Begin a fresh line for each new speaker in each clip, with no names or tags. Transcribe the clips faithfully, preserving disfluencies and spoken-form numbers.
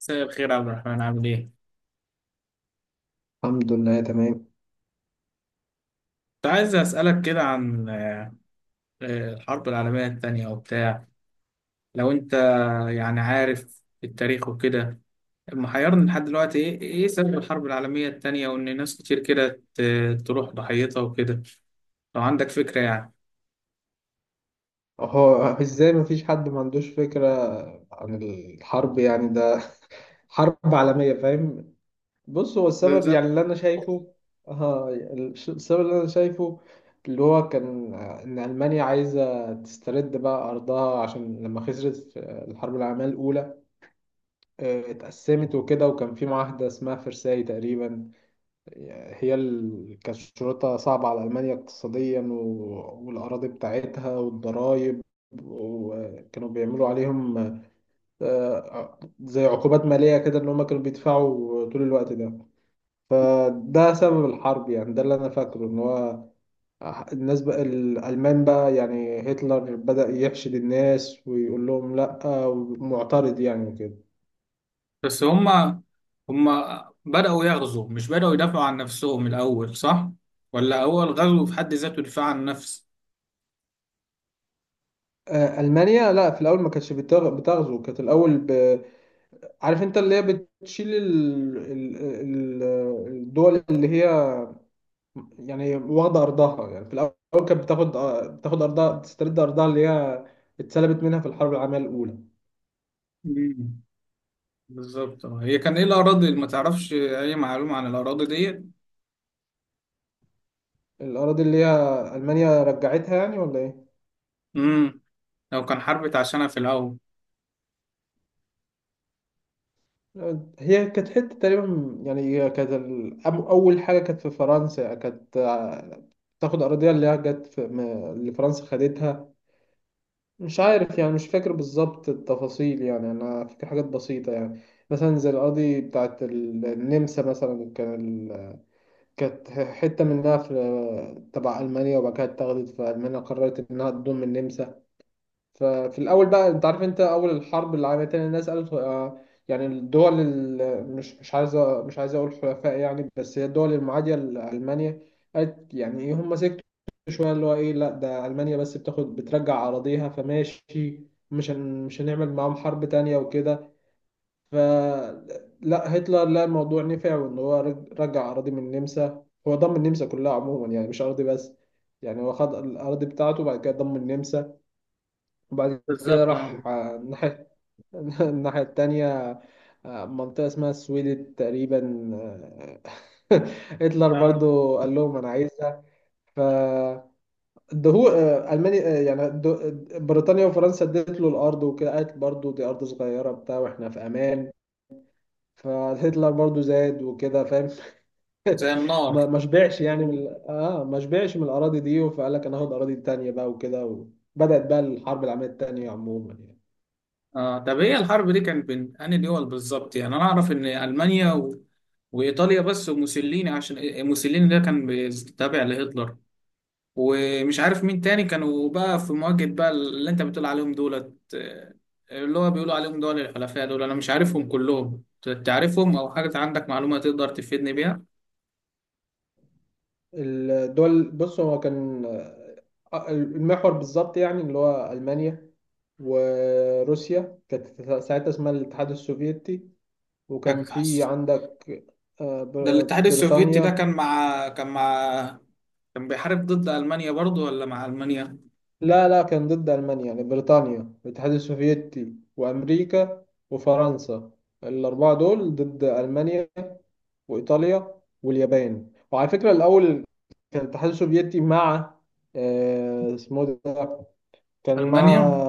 مساء الخير يا عبد الرحمن، عامل ايه؟
الحمد لله تمام.
كنت عايز اسألك كده عن آه، الحرب العالمية التانية وبتاع. لو انت يعني عارف التاريخ وكده، محيرني لحد دلوقتي ايه ايه سبب الحرب العالمية التانية، وان ناس كتير كده ت- تروح ضحيتها وكده. لو عندك فكرة يعني.
هو ازاي مفيش حد ما عندوش فكرة عن الحرب؟ يعني ده حرب عالمية، فاهم. بص، هو السبب يعني
بالظبط.
اللي انا شايفه، آه الش- السبب اللي انا شايفه اللي هو كان، آه، ان المانيا عايزة تسترد بقى ارضها عشان لما خسرت في الحرب العالمية الاولى، آه، اتقسمت وكده، وكان في معاهدة اسمها فرساي تقريبا. هي ال- كشروطها صعبة على ألمانيا اقتصاديا و- والأراضي بتاعتها والضرايب، وكانوا بيعملوا عليهم، آه، زي عقوبات مالية كده، إن هما كانوا بيدفعوا طول الوقت ده. فده سبب الحرب، يعني ده اللي أنا فاكره إن هو الناس بقى الألمان بقى، يعني هتلر بدأ يحشد الناس ويقول لهم لأ ومعترض يعني وكده.
بس هما هما بدأوا يغزوا، مش بدأوا يدافعوا عن نفسهم الأول، صح؟ ولا هو الغزو في حد ذاته دفاع عن النفس؟
آه، ألمانيا لا، في الأول ما كانتش بتغ- بتغزو، كانت الأول عارف انت اللي هي بتشيل ال... ال... ال... الدول اللي هي يعني واخده ارضها يعني في الاول، كانت بتاخد بتاخد ارضها، بتسترد ارضها اللي هي اتسلبت منها في الحرب العالميه الاولى.
مم. بالظبط اه. هي كان ايه الأراضي اللي ما تعرفش أي معلومة عن الأراضي ديت؟
الاراضي اللي هي المانيا رجعتها يعني ولا ايه؟
امم لو كان حرب اتعشنا في الأول.
هي كانت حته تقريبا، يعني هي كانت ال- أم- اول حاجه كانت في فرنسا، كانت، آه، تاخد اراضيها اللي هي جت في... م- اللي فرنسا خدتها. مش عارف يعني، مش فاكر بالظبط التفاصيل، يعني انا فاكر حاجات بسيطه يعني. مثلا زي القاضي بتاعت ال- النمسا مثلا، كان ال... كانت ح- حته منها في تبع المانيا، وبعد كده اتاخدت، فالمانيا قررت انها تضم النمسا. ففي الأول بقى، أنت عارف أنت أول الحرب العالمية التانية الناس قالت، آه، يعني الدول ال- مش مش عايزة، مش عايز أقول حلفاء يعني، بس هي الدول المعادية لألمانيا، قالت يعني إيه هم سكتوا شوية، اللي هو إيه، لا ده ألمانيا بس بتاخد بترجع أراضيها فماشي، مش هن مش هنعمل معاهم حرب تانية وكده. فلا، هتلر لا الموضوع نفع، وإن هو رج- رجع أراضي من النمسا، هو ضم النمسا كلها عموما يعني، مش أراضي بس. يعني هو خد الأراضي بتاعته وبعد كده ضم النمسا، وبعد كده
بالظبط اه.
راح آه، الناحية الناحية التانية. آه، منطقة اسمها السويد تقريبا، آه، هتلر
آه.
برضو قال لهم أنا عايزها. فدهو آه، ألمانيا، آه، يعني د- بريطانيا وفرنسا ادت له الأرض وكده، قالت برضو دي أرض صغيرة بتاع وإحنا في أمان. فهتلر برضو زاد وكده، فاهم.
زي النار.
ما ما شبعش يعني من ال- اه ما شبعش من الأراضي دي، فقال لك أنا هاخد أراضي تانية بقى وكده. وبدأت بقى الحرب العالمية التانية عموما يعني.
آه. طب هي الحرب دي كانت بين أنهي دول بالظبط؟ يعني أنا أعرف إن ألمانيا و... وإيطاليا بس، وموسوليني، عشان إيه، موسوليني ده كان بيز- تابع لهتلر، ومش عارف مين تاني كانوا بقى في مواجهة بقى اللي أنت بتقول عليهم دولت، آه، اللي هو بيقولوا عليهم دول الحلفاء. دول أنا مش عارفهم كلهم، ت- تعرفهم أو حاجة؟ عندك معلومة تقدر تفيدني بيها؟
الدول، بص هو كان آه، المحور بالظبط، يعني اللي هو ألمانيا، وروسيا كانت ساعتها اسمها الاتحاد السوفيتي، وكان في عندك آه،
ده
بر-
الاتحاد السوفيتي ده
بريطانيا.
كان مع، كان مع، كان بيحارب ضد ألمانيا برضو ولا مع ألمانيا؟
لا لا، كان ضد ألمانيا، يعني بريطانيا والاتحاد السوفيتي وأمريكا وفرنسا، الأربعة دول ضد ألمانيا وإيطاليا واليابان. وعلى فكرة الأول كان الاتحاد السوفيتي مع، آه، اسمه ده، كان مع
ألمانيا؟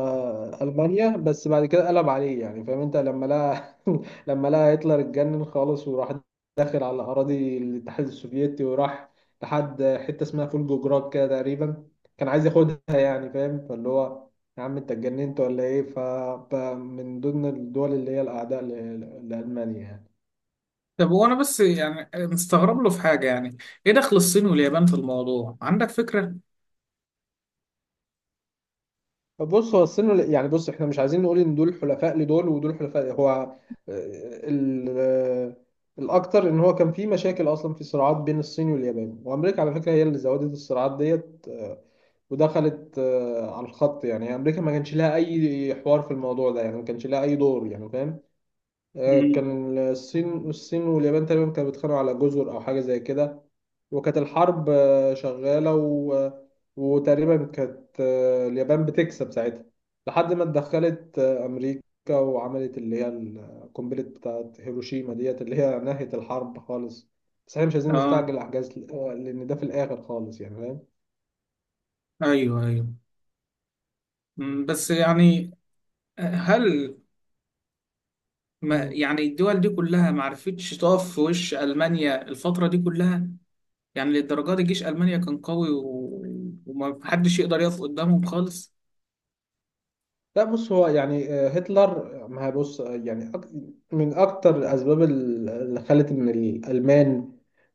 ألمانيا، بس بعد كده قلب عليه يعني، فاهم انت، لما لقى لما لقى هتلر اتجنن خالص، وراح داخل على أراضي الاتحاد السوفيتي، وراح لحد حتة اسمها فولجوجراد كده تقريبا، كان عايز ياخدها يعني، فاهم. فاللي هو يا عم انت اتجننت ولا ايه؟ فمن ضمن الدول اللي هي الأعداء ل- لألمانيا يعني.
طب وأنا بس يعني مستغرب له في حاجة، يعني إيه دخل الصين واليابان في الموضوع؟ عندك فكرة؟
بص هو السن يعني، بص احنا مش عايزين نقول ان دول حلفاء لدول ودول حلفاء، هو آه، ال- آه، الاكتر ان هو كان في مشاكل اصلا، في صراعات بين الصين واليابان وامريكا. على فكره هي اللي زودت الصراعات ديت، آه، ودخلت آه، على الخط، يعني امريكا ما كانش لها اي حوار في الموضوع ده، يعني ما كانش لها اي دور يعني، فاهم. آه،
مم.
كان الصين الصين واليابان تقريبا كانوا بيتخانقوا على جزر او حاجه زي كده. وكانت الحرب آه، شغاله، و... آه، وتقريبا كانت، آه، اليابان بتكسب ساعتها، لحد ما اتدخلت آه، امريكا، وعملت اللي هي القنبله بتاعت هيروشيما ديت، اللي هي نهت الحرب خالص. بس احنا مش عايزين
آه
نستعجل احجاز، آه، لان ده في الاخر خالص يعني،
أيوه أيوه. مم، بس يعني، هل ما
فاهم.
يعني الدول دي كلها ما عرفتش تقف في وش ألمانيا الفترة دي كلها؟ يعني للدرجة دي جيش ألمانيا كان قوي و... وما حدش يقدر يقف قدامهم خالص؟
لا، بص هو يعني آه، هتلر، ما هي بص آه، يعني، أك- من أكتر الأسباب ال- اللي خلت إن الألمان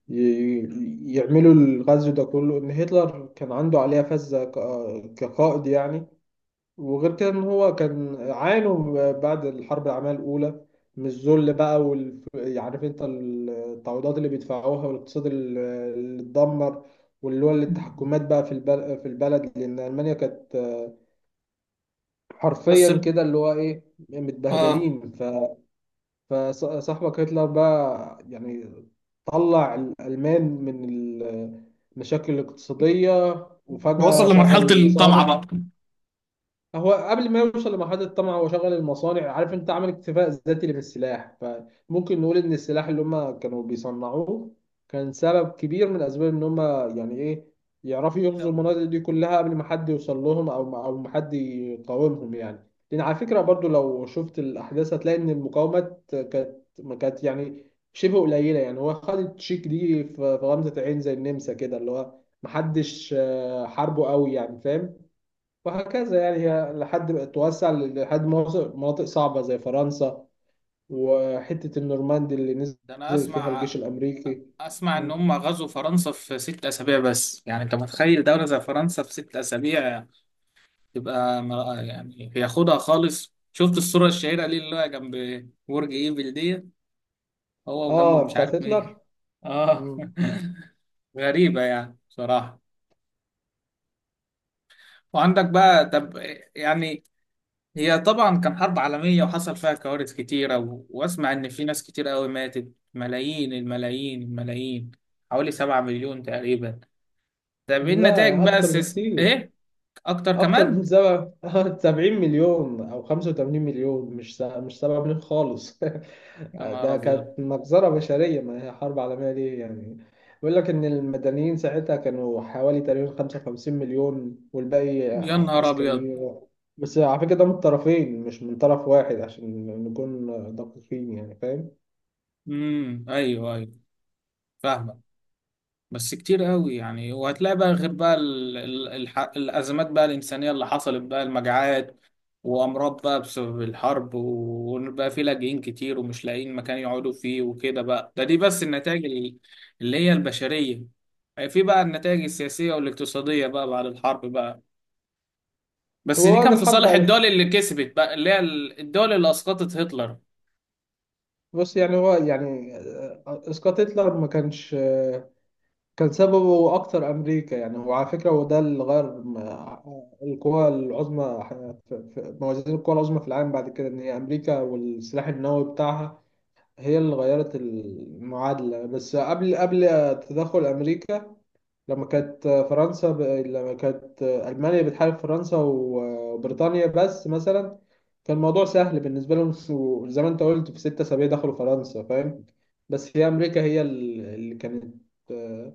ي- ي- يعملوا الغزو ده كله، إن هتلر كان عنده عليها فذة، ك- آه، كقائد يعني. وغير كده إن هو كان عانوا بعد الحرب العالمية الأولى من الذل بقى، وال عارف أنت التعويضات اللي بيدفعوها، والاقتصاد ال- اللي اتدمر، واللي هو
مم.
التحكمات بقى في البل- في البلد، لأن ألمانيا كانت آه،
بس
حرفيا
ال-
كده اللي هو ايه،
آه
متبهدلين. ف- فصاحبك هتلر بقى يعني طلع الألمان من المشاكل الاقتصادية، وفجأة
وصل
شغل
لمرحلة الطمع
المصانع.
بقى.
هو قبل ما يوصل لمرحلة الطمع، هو شغل المصانع، عارف انت، عمل اكتفاء ذاتي اللي في السلاح. فممكن نقول ان السلاح اللي هم كانوا بيصنعوه كان سبب كبير من اسباب ان هم يعني ايه يعرفوا يغزوا المناطق دي كلها قبل ما حد يوصل لهم، او او ما حد يقاومهم يعني. لان على فكرة برضو لو شفت الاحداث هتلاقي ان المقاومات كانت، ما كانت يعني شبه قليلة يعني. هو خد التشيك دي في في غمزة عين، زي النمسا كده، اللي هو محدش آه، حاربه قوي يعني، فاهم. وهكذا يعني، هي لحد ما توسع لحد مناطق مناطق صعبة زي فرنسا وحتة النورماندي اللي نزل
ده انا
فيها الجيش
اسمع
الأمريكي.
اسمع ان
م.
هم غزوا فرنسا في ست اسابيع، بس يعني انت متخيل دولة زي فرنسا في ست اسابيع تبقى مر- يعني ياخدها خالص؟ شفت الصورة الشهيرة ليه اللي هو جنب برج ايفل دي؟ هو وجنبه
آه،
مش
بتاعت
عارف مين.
هتلر.
اه.
م.
غريبة يعني بصراحة. وعندك بقى، طب، يعني هي طبعا كان حرب عالمية، وحصل فيها كوارث كتيرة و... واسمع ان في ناس كتير قوي ماتت، ملايين الملايين الملايين، حوالي سبعة مليون تقريبا. طب ايه
لا،
النتائج
يعني
بقى
أكتر
السيس...
بكتير،
ايه؟ اكتر
أكتر من
كمان.
سبعة سبعين مليون أو خمسة وتمانين مليون. مش سبعة مش سبعة مليون خالص.
يا نهار
ده
ابيض.
كانت مجزرة بشرية، ما هي حرب عالمية ليه يعني. بيقول لك إن المدنيين ساعتها كانوا حوالي تقريبا خمسة وخمسين مليون، والباقي
يا
ع-
نهار ابيض.
عسكريين. بس على فكرة ده من الطرفين مش من طرف واحد، عشان نكون دقيقين يعني، فاهم.
امم ايوه ايوه. فاهمك. بس كتير قوي يعني، وهتلاقي بقى غير بقى ال ال الح الازمات بقى الانسانيه اللي حصلت بقى، المجاعات، وامراض بقى بسبب الحرب، وبقى في لاجئين كتير ومش لاقيين مكان يقعدوا فيه وكده بقى. ده دي بس النتائج ال- اللي هي البشريه. آه، في بقى النتائج السياسيه والاقتصاديه بقى بعد الحرب بقى، بس
هو
دي
بعد
كان في
الحرب
صالح
على-
الدول اللي كسبت بقى، اللي هي ال- الدول اللي اسقطت هتلر.
بص يعني، هو يعني آه، آه، إسقاط هتلر ما كانش آه، كان سببه أكتر أمريكا يعني. وعلى فكرة هو ده اللي غير م- القوى العظمى، ح- في في- موازين القوى العظمى في العالم بعد كده، إن هي أمريكا والسلاح النووي بتاعها هي اللي غيرت المعادلة. بس قبل قبل تدخل أمريكا، لما كانت فرنسا ب... لما كانت ألمانيا بتحارب فرنسا وبريطانيا بس مثلا، كان الموضوع سهل بالنسبة لهم، وزي ما انت قلت في ستة أسابيع دخلوا فرنسا، فاهم. بس هي أمريكا هي ال- اللي كانت آه،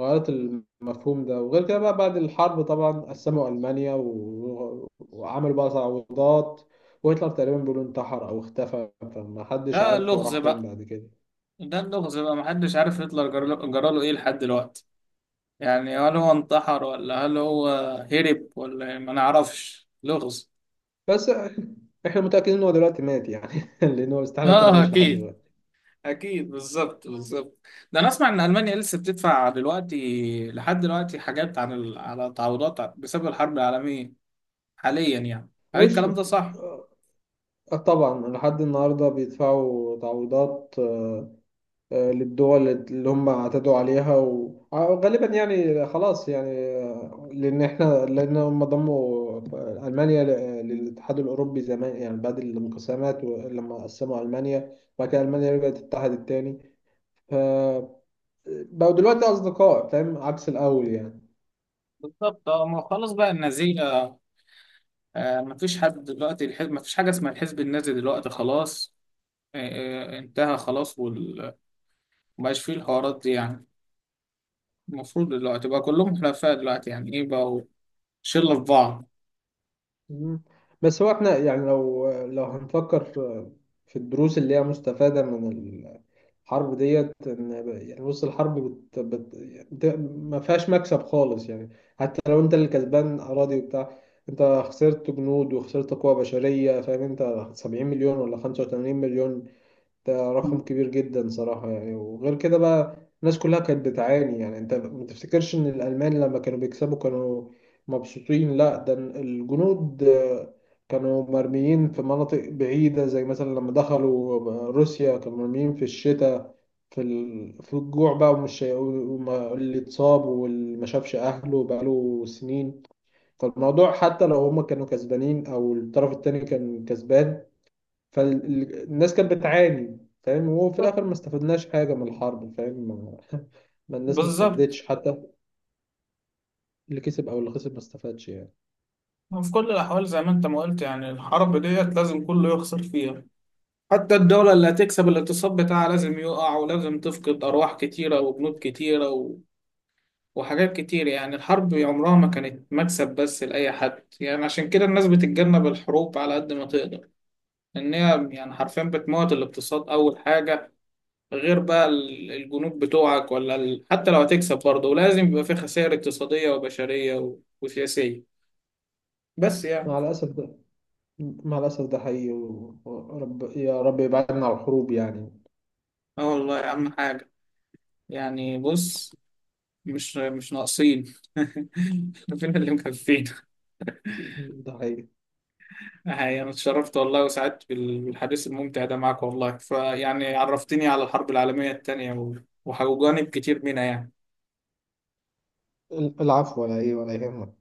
غيرت المفهوم ده. وغير كده بقى بعد الحرب طبعا قسموا ألمانيا، و... وعملوا بقى تعويضات. وهتلر تقريبا بيقولوا انتحر أو اختفى، فما حدش
ده
عارف هو
لغز
راح فين
بقى.
بعد كده.
ده اللغز بقى، محدش عارف هتلر جرى جراله ايه لحد دلوقتي. يعني هل هو انتحر، ولا هل هو هرب، ولا إيه؟ ما نعرفش، لغز.
بس احنا متأكدين ان هو دلوقتي مات يعني، لان هو استحالة يكون
اه
عايش لحد
اكيد.
دلوقتي.
اكيد بالظبط بالظبط. ده انا اسمع ان المانيا لسه بتدفع دلوقتي لحد دلوقتي حاجات عن ال... على تعويضات بسبب الحرب العالميه حاليا يعني. هل
بص
الكلام ده صح؟
آه، طبعا لحد النهاردة بيدفعوا تعويضات آه، للدول اللي هم اعتدوا عليها، وغالبا يعني خلاص يعني، آه، لان احنا لان هم ضموا المانيا ل- للاتحاد الاوروبي زمان يعني بعد الانقسامات، لما قسموا المانيا وبعد كده المانيا رجعت اتحدت تاني. ف بقوا دلوقتي اصدقاء، فاهم، عكس الاول يعني.
بالظبط اه. ما هو خلاص بقى النازيه، آه، مفيش حد دلوقتي الحزب، مفيش حاجه اسمها الحزب النازي دلوقتي خلاص. آه. آه انتهى خلاص وال... مبقاش فيه الحوارات دي يعني. المفروض دلوقتي بقى كلهم حلفاء دلوقتي، يعني ايه، بقوا شلة في بعض.
مم. بس هو احنا يعني لو لو هنفكر في الدروس اللي هي مستفادة من الحرب ديت، ان يعني بص الحرب بت بت بت ما فيهاش مكسب خالص يعني. حتى لو انت اللي كسبان اراضي وبتاع، انت خسرت جنود وخسرت قوة بشرية، فاهم انت، سبعين مليون ولا خمسة وتمانين مليون، ده رقم كبير جدا صراحة يعني. وغير كده بقى الناس كلها كانت بتعاني يعني، انت ما تفتكرش ان الألمان لما كانوا بيكسبوا كانوا مبسوطين. لا، ده الجنود آه، كانوا مرميين في مناطق بعيدة، زي مثلا لما دخلوا روسيا كانوا مرميين في الشتاء، في ال... في الجوع بقى، ومش وما- اللي اتصاب واللي ما شافش أهله بقاله سنين. فالموضوع حتى لو هما كانوا كسبانين أو الطرف التاني كان كسبان، فالناس كانت بتعاني، فاهم. وفي
بالظبط
الاخر ما استفدناش حاجه من الحرب، فاهم. ما ما الناس ما
بالظبط.
استفادتش، حتى اللي كسب او اللي خسر ما استفادش يعني.
وفي كل الأحوال زي ما أنت ما قلت، يعني الحرب ديت لازم كله يخسر فيها. حتى الدولة اللي هتكسب، الاقتصاد بتاعها لازم يقع، ولازم تفقد أرواح كتيرة وبنود كتيرة و... وحاجات كتير. يعني الحرب عمرها ما كانت مكسب بس لأي حد، يعني عشان كده الناس بتتجنب الحروب على قد ما تقدر، لأن هي يعني حرفيا بتموت الاقتصاد أول حاجة، غير بقى ال- الجنود بتوعك ولا ال... حتى لو هتكسب برضه، ولازم يبقى في خسائر اقتصادية وبشرية و... وسياسية. بس يعني.
مع الاسف ده، مع الاسف ده حقيقي. و- ورب، يا رب يبعدنا عن الحروب يعني.
اه والله أهم حاجة. يعني بص، مش مش ناقصين. فين اللي مكفينا.
ده حقيقي.
يعني اتشرفت والله وسعدت بال- بالحديث الممتع ده معاك والله، فيعني عرفتني على الحرب العالمية التانية و... وجانب كتير منها يعني.
العفو، ولا ايه، ولا يهمك.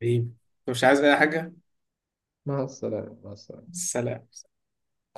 حبيبي، مش عايز أي حاجة.
مع السلامه، مع السلامه.
سلام.